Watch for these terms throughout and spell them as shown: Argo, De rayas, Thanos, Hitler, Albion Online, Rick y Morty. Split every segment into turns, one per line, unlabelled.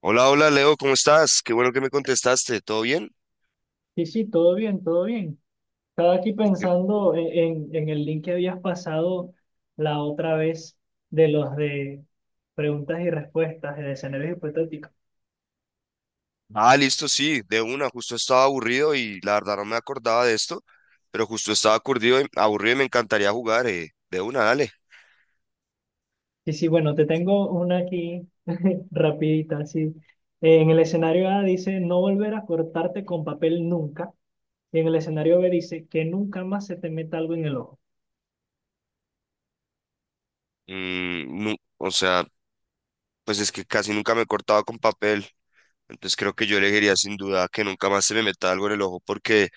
Hola, hola Leo, ¿cómo estás? Qué bueno que me contestaste, ¿todo bien?
Sí, sí, todo bien, todo bien. Estaba aquí
Ok.
pensando en el link que habías pasado la otra vez de preguntas y respuestas de escenarios hipotéticos.
Ah, listo, sí, de una, justo estaba aburrido y la verdad no me acordaba de esto, pero justo estaba aburrido y me encantaría jugar, de una, dale.
Sí, sí, bueno, te tengo una aquí rapidita, sí. En el escenario A dice no volver a cortarte con papel nunca. Y en el escenario B dice que nunca más se te meta algo en el ojo.
Mm, o sea, pues es que casi nunca me he cortado con papel, entonces creo que yo elegiría sin duda que nunca más se me meta algo en el ojo porque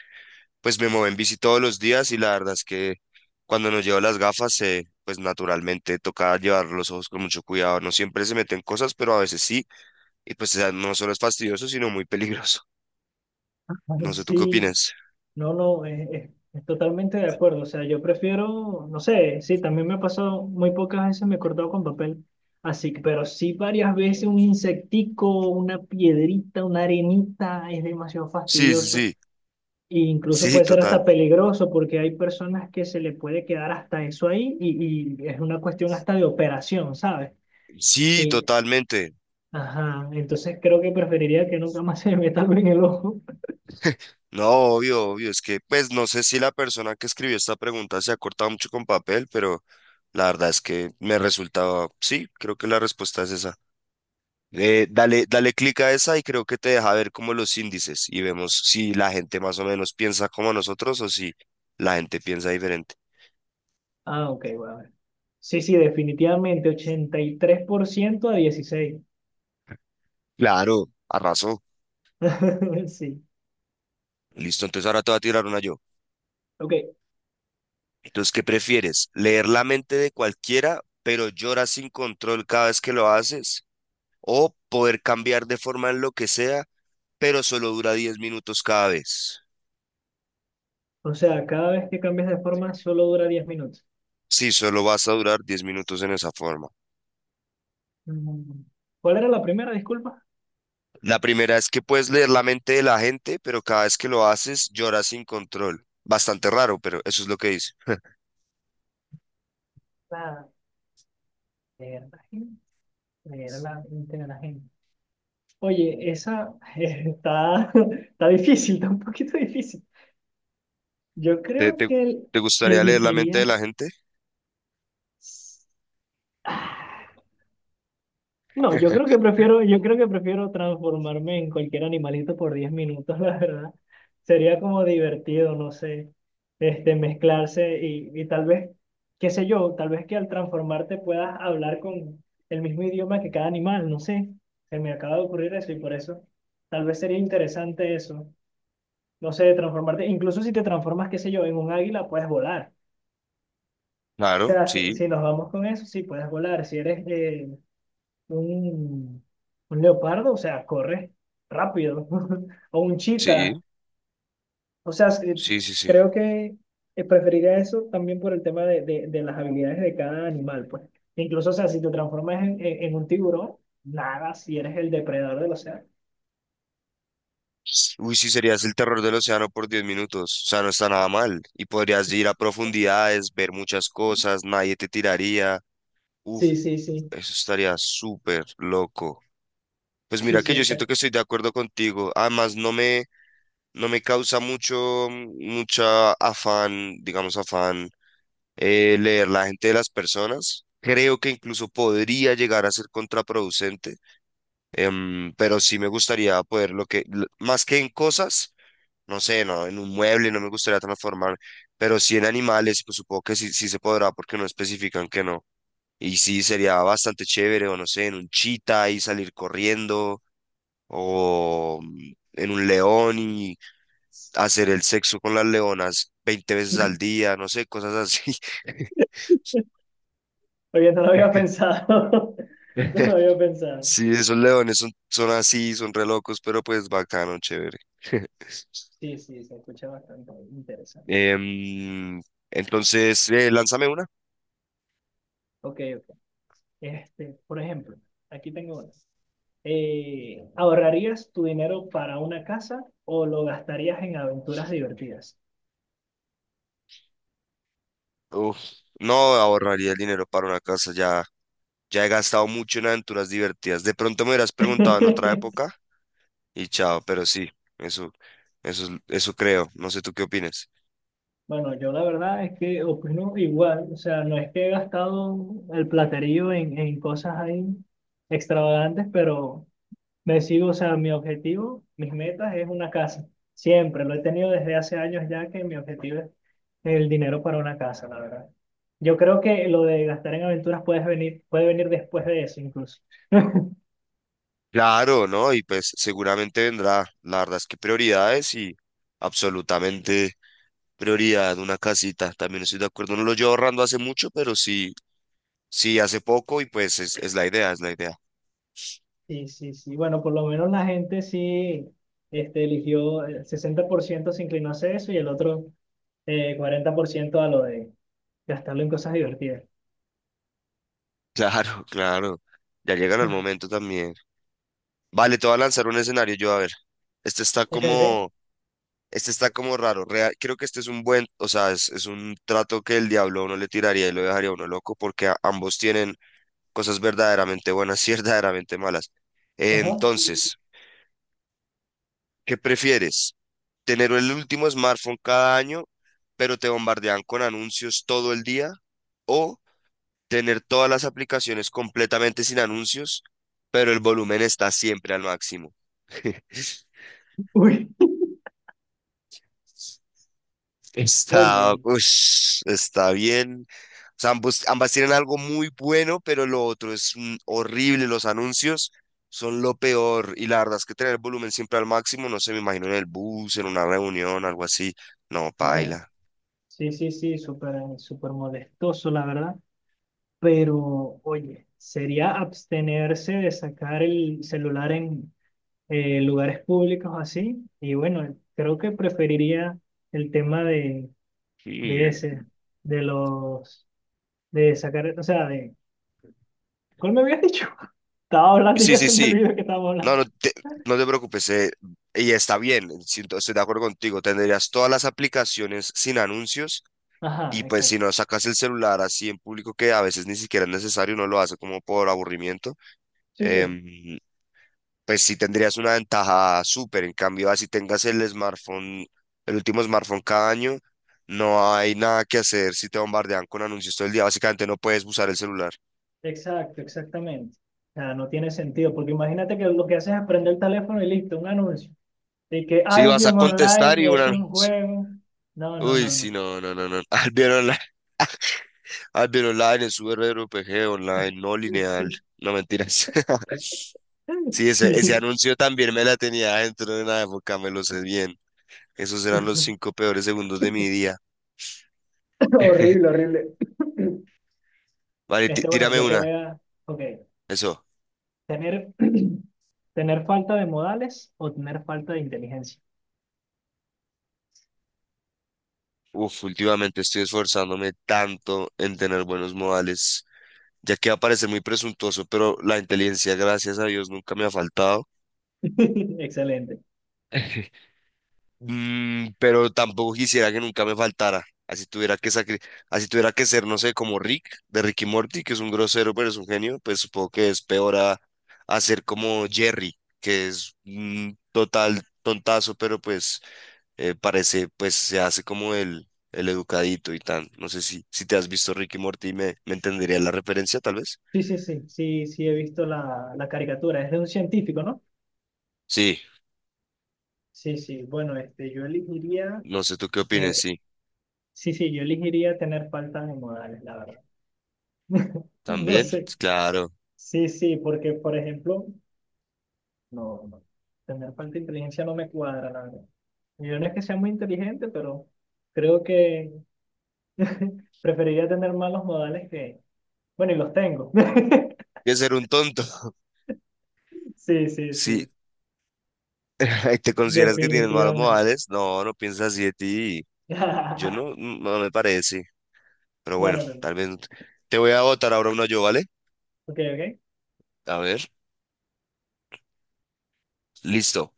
pues me muevo en bici todos los días y la verdad es que cuando nos llevo las gafas, pues naturalmente toca llevar los ojos con mucho cuidado, no siempre se meten cosas, pero a veces sí. Y pues o sea, no solo es fastidioso, sino muy peligroso. No sé, ¿tú qué
Sí.
opinas?
No, no, es totalmente de acuerdo. O sea, yo prefiero, no sé, sí, también me ha pasado, muy pocas veces me he cortado con papel, así, pero sí varias veces un insectico, una piedrita, una arenita, es demasiado
Sí, sí,
fastidioso.
sí.
E incluso
Sí,
puede ser hasta
total.
peligroso porque hay personas que se le puede quedar hasta eso ahí y es una cuestión hasta de operación, ¿sabes?
Sí,
Y,
totalmente.
ajá, entonces creo que preferiría que nunca más se me meta algo en el ojo.
No, obvio, obvio. Es que, pues, no sé si la persona que escribió esta pregunta se ha cortado mucho con papel, pero la verdad es que me resultaba, sí, creo que la respuesta es esa. Dale, dale clic a esa y creo que te deja ver como los índices y vemos si la gente más o menos piensa como nosotros o si la gente piensa diferente.
Ah, ok, bueno. Sí, sí, definitivamente, 83% a 16.
Claro, arrasó.
Sí,
Listo, entonces ahora te voy a tirar una yo.
ok.
Entonces, ¿qué prefieres? ¿Leer la mente de cualquiera, pero lloras sin control cada vez que lo haces? ¿O poder cambiar de forma en lo que sea, pero solo dura 10 minutos cada vez?
O sea, cada vez que cambias de forma solo dura 10 minutos.
Sí, solo vas a durar 10 minutos en esa forma.
Mm. ¿Cuál era la primera, disculpa?
La primera es que puedes leer la mente de la gente, pero cada vez que lo haces lloras sin control. Bastante raro, pero eso es lo que dice.
La de la gente. Leer la mente de la gente. Oye, esa está difícil, está un poquito difícil. Yo
¿Te,
creo
te,
que
te gustaría leer la mente de la
elegiría...
gente?
No, yo creo que prefiero transformarme en cualquier animalito por 10 minutos, la verdad. Sería como divertido, no sé, este, mezclarse y tal vez, qué sé yo, tal vez que al transformarte puedas hablar con el mismo idioma que cada animal, no sé. Se me acaba de ocurrir eso y por eso tal vez sería interesante eso. No sé, transformarte, incluso si te transformas, qué sé yo, en un águila, puedes volar. O
Claro,
sea, si,
sí,
si nos vamos con eso, sí, puedes volar. Si eres un, un leopardo, o sea, corre rápido. O un chita.
sí,
O sea, sí,
sí, sí, sí.
creo que preferiría eso también por el tema de las habilidades de cada animal, pues. Incluso, o sea, si te transformas en un tiburón, nada, si eres el depredador del océano.
Uy, sí, serías el terror del océano por 10 minutos. O sea, no está nada mal. Y podrías ir a profundidades, ver muchas cosas, nadie te tiraría. Uf,
Sí, sí, sí.
eso estaría súper loco. Pues
Sí,
mira que
sí,
yo siento que
exacto.
estoy de acuerdo contigo. Además, no me causa mucho, mucha afán, digamos afán, leer la gente de las personas. Creo que incluso podría llegar a ser contraproducente, pero sí me gustaría poder lo que, más que en cosas. No sé, no, en un mueble no me gustaría transformar, pero sí en animales, pues supongo que sí, sí se podrá porque no especifican que no. Y sí sería bastante chévere, o no sé, en un chita y salir corriendo, o en un león y hacer el sexo con las leonas 20 veces al día, no sé, cosas así.
Oye, no lo había pensado. No lo había pensado.
Sí, esos leones son así, son re locos, pero pues bacano, chévere.
Sí, sí, se escucha bastante interesante.
Em, entonces, lánzame una.
Ok, ok. Este, por ejemplo, aquí tengo una. ¿Ahorrarías tu dinero para una casa o lo gastarías en aventuras divertidas?
Uf, no ahorraría el dinero para una casa, ya, ya he gastado mucho en aventuras divertidas. De pronto me hubieras preguntado en otra época y chao, pero sí, eso, eso creo. No sé tú qué opinas.
Bueno, yo la verdad es que opino igual, o sea, no es que he gastado el platerío en cosas ahí extravagantes, pero me sigo, o sea, mi objetivo, mis metas es una casa. Siempre, lo he tenido desde hace años ya que mi objetivo es el dinero para una casa, la verdad. Yo creo que lo de gastar en aventuras puede venir después de eso incluso.
Claro, ¿no? Y pues seguramente vendrá. La verdad es que prioridades y absolutamente prioridad una casita. También estoy de acuerdo. No lo llevo ahorrando hace mucho, pero sí hace poco y pues es la idea, es la idea.
Sí, sí, sí. Bueno, por lo menos la gente sí este, eligió, el 60% se inclinó hacia eso y el otro 40% a lo de gastarlo en cosas divertidas.
Claro, claro. Ya llegará el momento también. Vale, te voy a lanzar un escenario yo, a ver. Este está
Ok, ok.
como, este está como raro. Creo que este es un buen, o sea, es un trato que el diablo a uno le tiraría y lo dejaría a uno loco porque ambos tienen cosas verdaderamente buenas y verdaderamente malas.
Ajá.
Entonces, ¿qué prefieres? ¿Tener el último smartphone cada año, pero te bombardean con anuncios todo el día? ¿O tener todas las aplicaciones completamente sin anuncios, pero el volumen está siempre al máximo?
Uy,
Está,
oye,
ush, está bien. O sea, ambos, ambas tienen algo muy bueno, pero lo otro es horrible. Los anuncios son lo peor. Y la verdad es que tener el volumen siempre al máximo, no sé, me imagino en el bus, en una reunión, algo así. No,
no.
paila.
Sí, sí, sí, súper, súper molestoso, la verdad. Pero, oye, sería abstenerse de sacar el celular en lugares públicos así. Y bueno, creo que preferiría el tema de
Mm.
ese, de los, de sacar, o sea, de, ¿cuál me habías dicho? Estaba hablando y
Sí,
ya
sí,
se me
sí.
olvidó que estaba
No,
hablando.
no te preocupes. Y está bien. Estoy de acuerdo contigo. Tendrías todas las aplicaciones sin anuncios.
Ajá,
Y pues si
exacto.
no sacas el celular así en público, que a veces ni siquiera es necesario, no lo hace como por aburrimiento,
Sí, sí,
em, pues sí tendrías una ventaja súper. En cambio, así tengas el smartphone, el último smartphone cada año, no hay nada que hacer si te bombardean con anuncios todo el día. Básicamente no puedes usar el celular.
exacto, exactamente. O sea, no tiene sentido, porque imagínate que lo que haces es prender el teléfono y listo, un anuncio. De que
Si vas a
Albion
contestar y
Online
un
es un
anuncio.
juego. No, no, no,
Uy, sí,
no.
no, no, no, no. Albion Online, Albion Online, el Super RPG Online, no lineal.
Sí,
No mentiras. Sí, ese
sí.
anuncio también me la tenía dentro de una época, me lo sé bien. Esos eran los 5 peores segundos de mi día.
Horrible, horrible.
Vale,
Este, bueno,
tírame
yo te
una.
voy a, ok,
Eso.
tener, tener falta de modales o tener falta de inteligencia.
Uf, últimamente estoy esforzándome tanto en tener buenos modales, ya que va a parecer muy presuntuoso, pero la inteligencia, gracias a Dios, nunca me ha faltado.
Excelente.
Mm, pero tampoco quisiera que nunca me faltara. Así tuviera que ser, no sé, como Rick, de Rick y Morty, que es un grosero, pero es un genio, pues supongo que es peor a ser como Jerry, que es un total tontazo, pero pues parece, pues se hace como el educadito y tan. No sé si te has visto Ricky Morty, me entendería la referencia, tal vez.
Sí, sí, sí, sí, sí, he visto la caricatura. Es de un científico, ¿no?
Sí,
Sí, sí, bueno, este, yo elegiría,
no sé tú qué opines,
eh,
sí.
sí, sí, yo elegiría tener faltas de modales, la verdad. No
También,
sé.
claro.
Sí, sí, porque, por ejemplo, no, no, tener falta de inteligencia no me cuadra, la verdad. Yo no es que sea muy inteligente, pero creo que preferiría tener malos modales que, bueno, y los tengo.
Que ser un tonto.
Sí, sí,
Sí,
sí,
¿te consideras que tienes malos
definitivamente.
modales? No, no piensas así de ti. Yo no, no me parece. Pero
No,
bueno,
no, no. No.
tal vez te voy a votar ahora uno yo, ¿vale?
Ok, ok.
A ver, listo.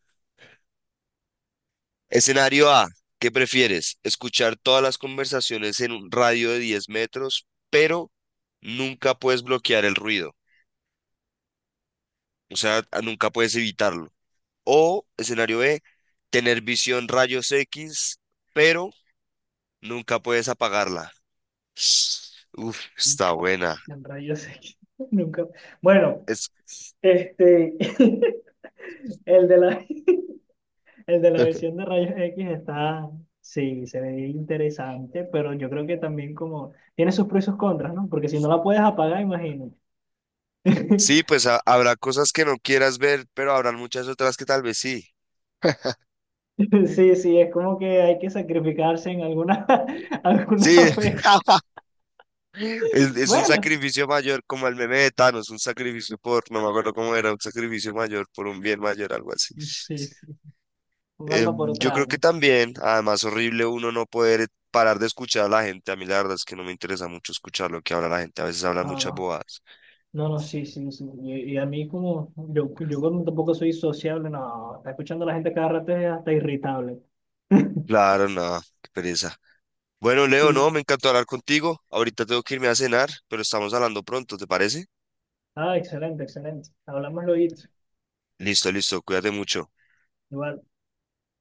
Escenario A, ¿qué prefieres? ¿Escuchar todas las conversaciones en un radio de 10 metros, pero nunca puedes bloquear el ruido? O sea, nunca puedes evitarlo. O escenario B, tener visión rayos X, pero nunca puedes apagarla. Uf, está buena.
En rayos X. Nunca. Bueno,
Es...
este. El de la, el de la visión de rayos X está. Sí, se ve interesante, pero yo creo que también como. Tiene sus pros y sus contras, ¿no? Porque si no la puedes apagar, imagínate.
Sí, pues habrá cosas que no quieras ver, pero habrán muchas otras que tal vez sí.
Sí, sí, es como que hay que sacrificarse en alguna, alguna
Sí.
vez.
Es un
Bueno,
sacrificio mayor, como el meme de Thanos, un sacrificio por, no me acuerdo cómo era, un sacrificio mayor por un bien mayor, algo así.
sí, sí. Un alma por
Yo
otra
creo que
alma.
también, además, horrible uno no poder parar de escuchar a la gente. A mí la verdad es que no me interesa mucho escuchar lo que habla la gente. A veces hablan
No,
muchas
no.
bobadas.
No, no, sí, sí, sí. Y a mí como, yo como tampoco soy sociable, no, está escuchando a la gente cada rato es hasta irritable.
Claro, no, qué pereza. Bueno, Leo,
Sí,
no,
sí.
me
Sí.
encantó hablar contigo. Ahorita tengo que irme a cenar, pero estamos hablando pronto, ¿te parece?
Ah, excelente, excelente. Hablamos luego.
Listo, listo, cuídate mucho.
Igual.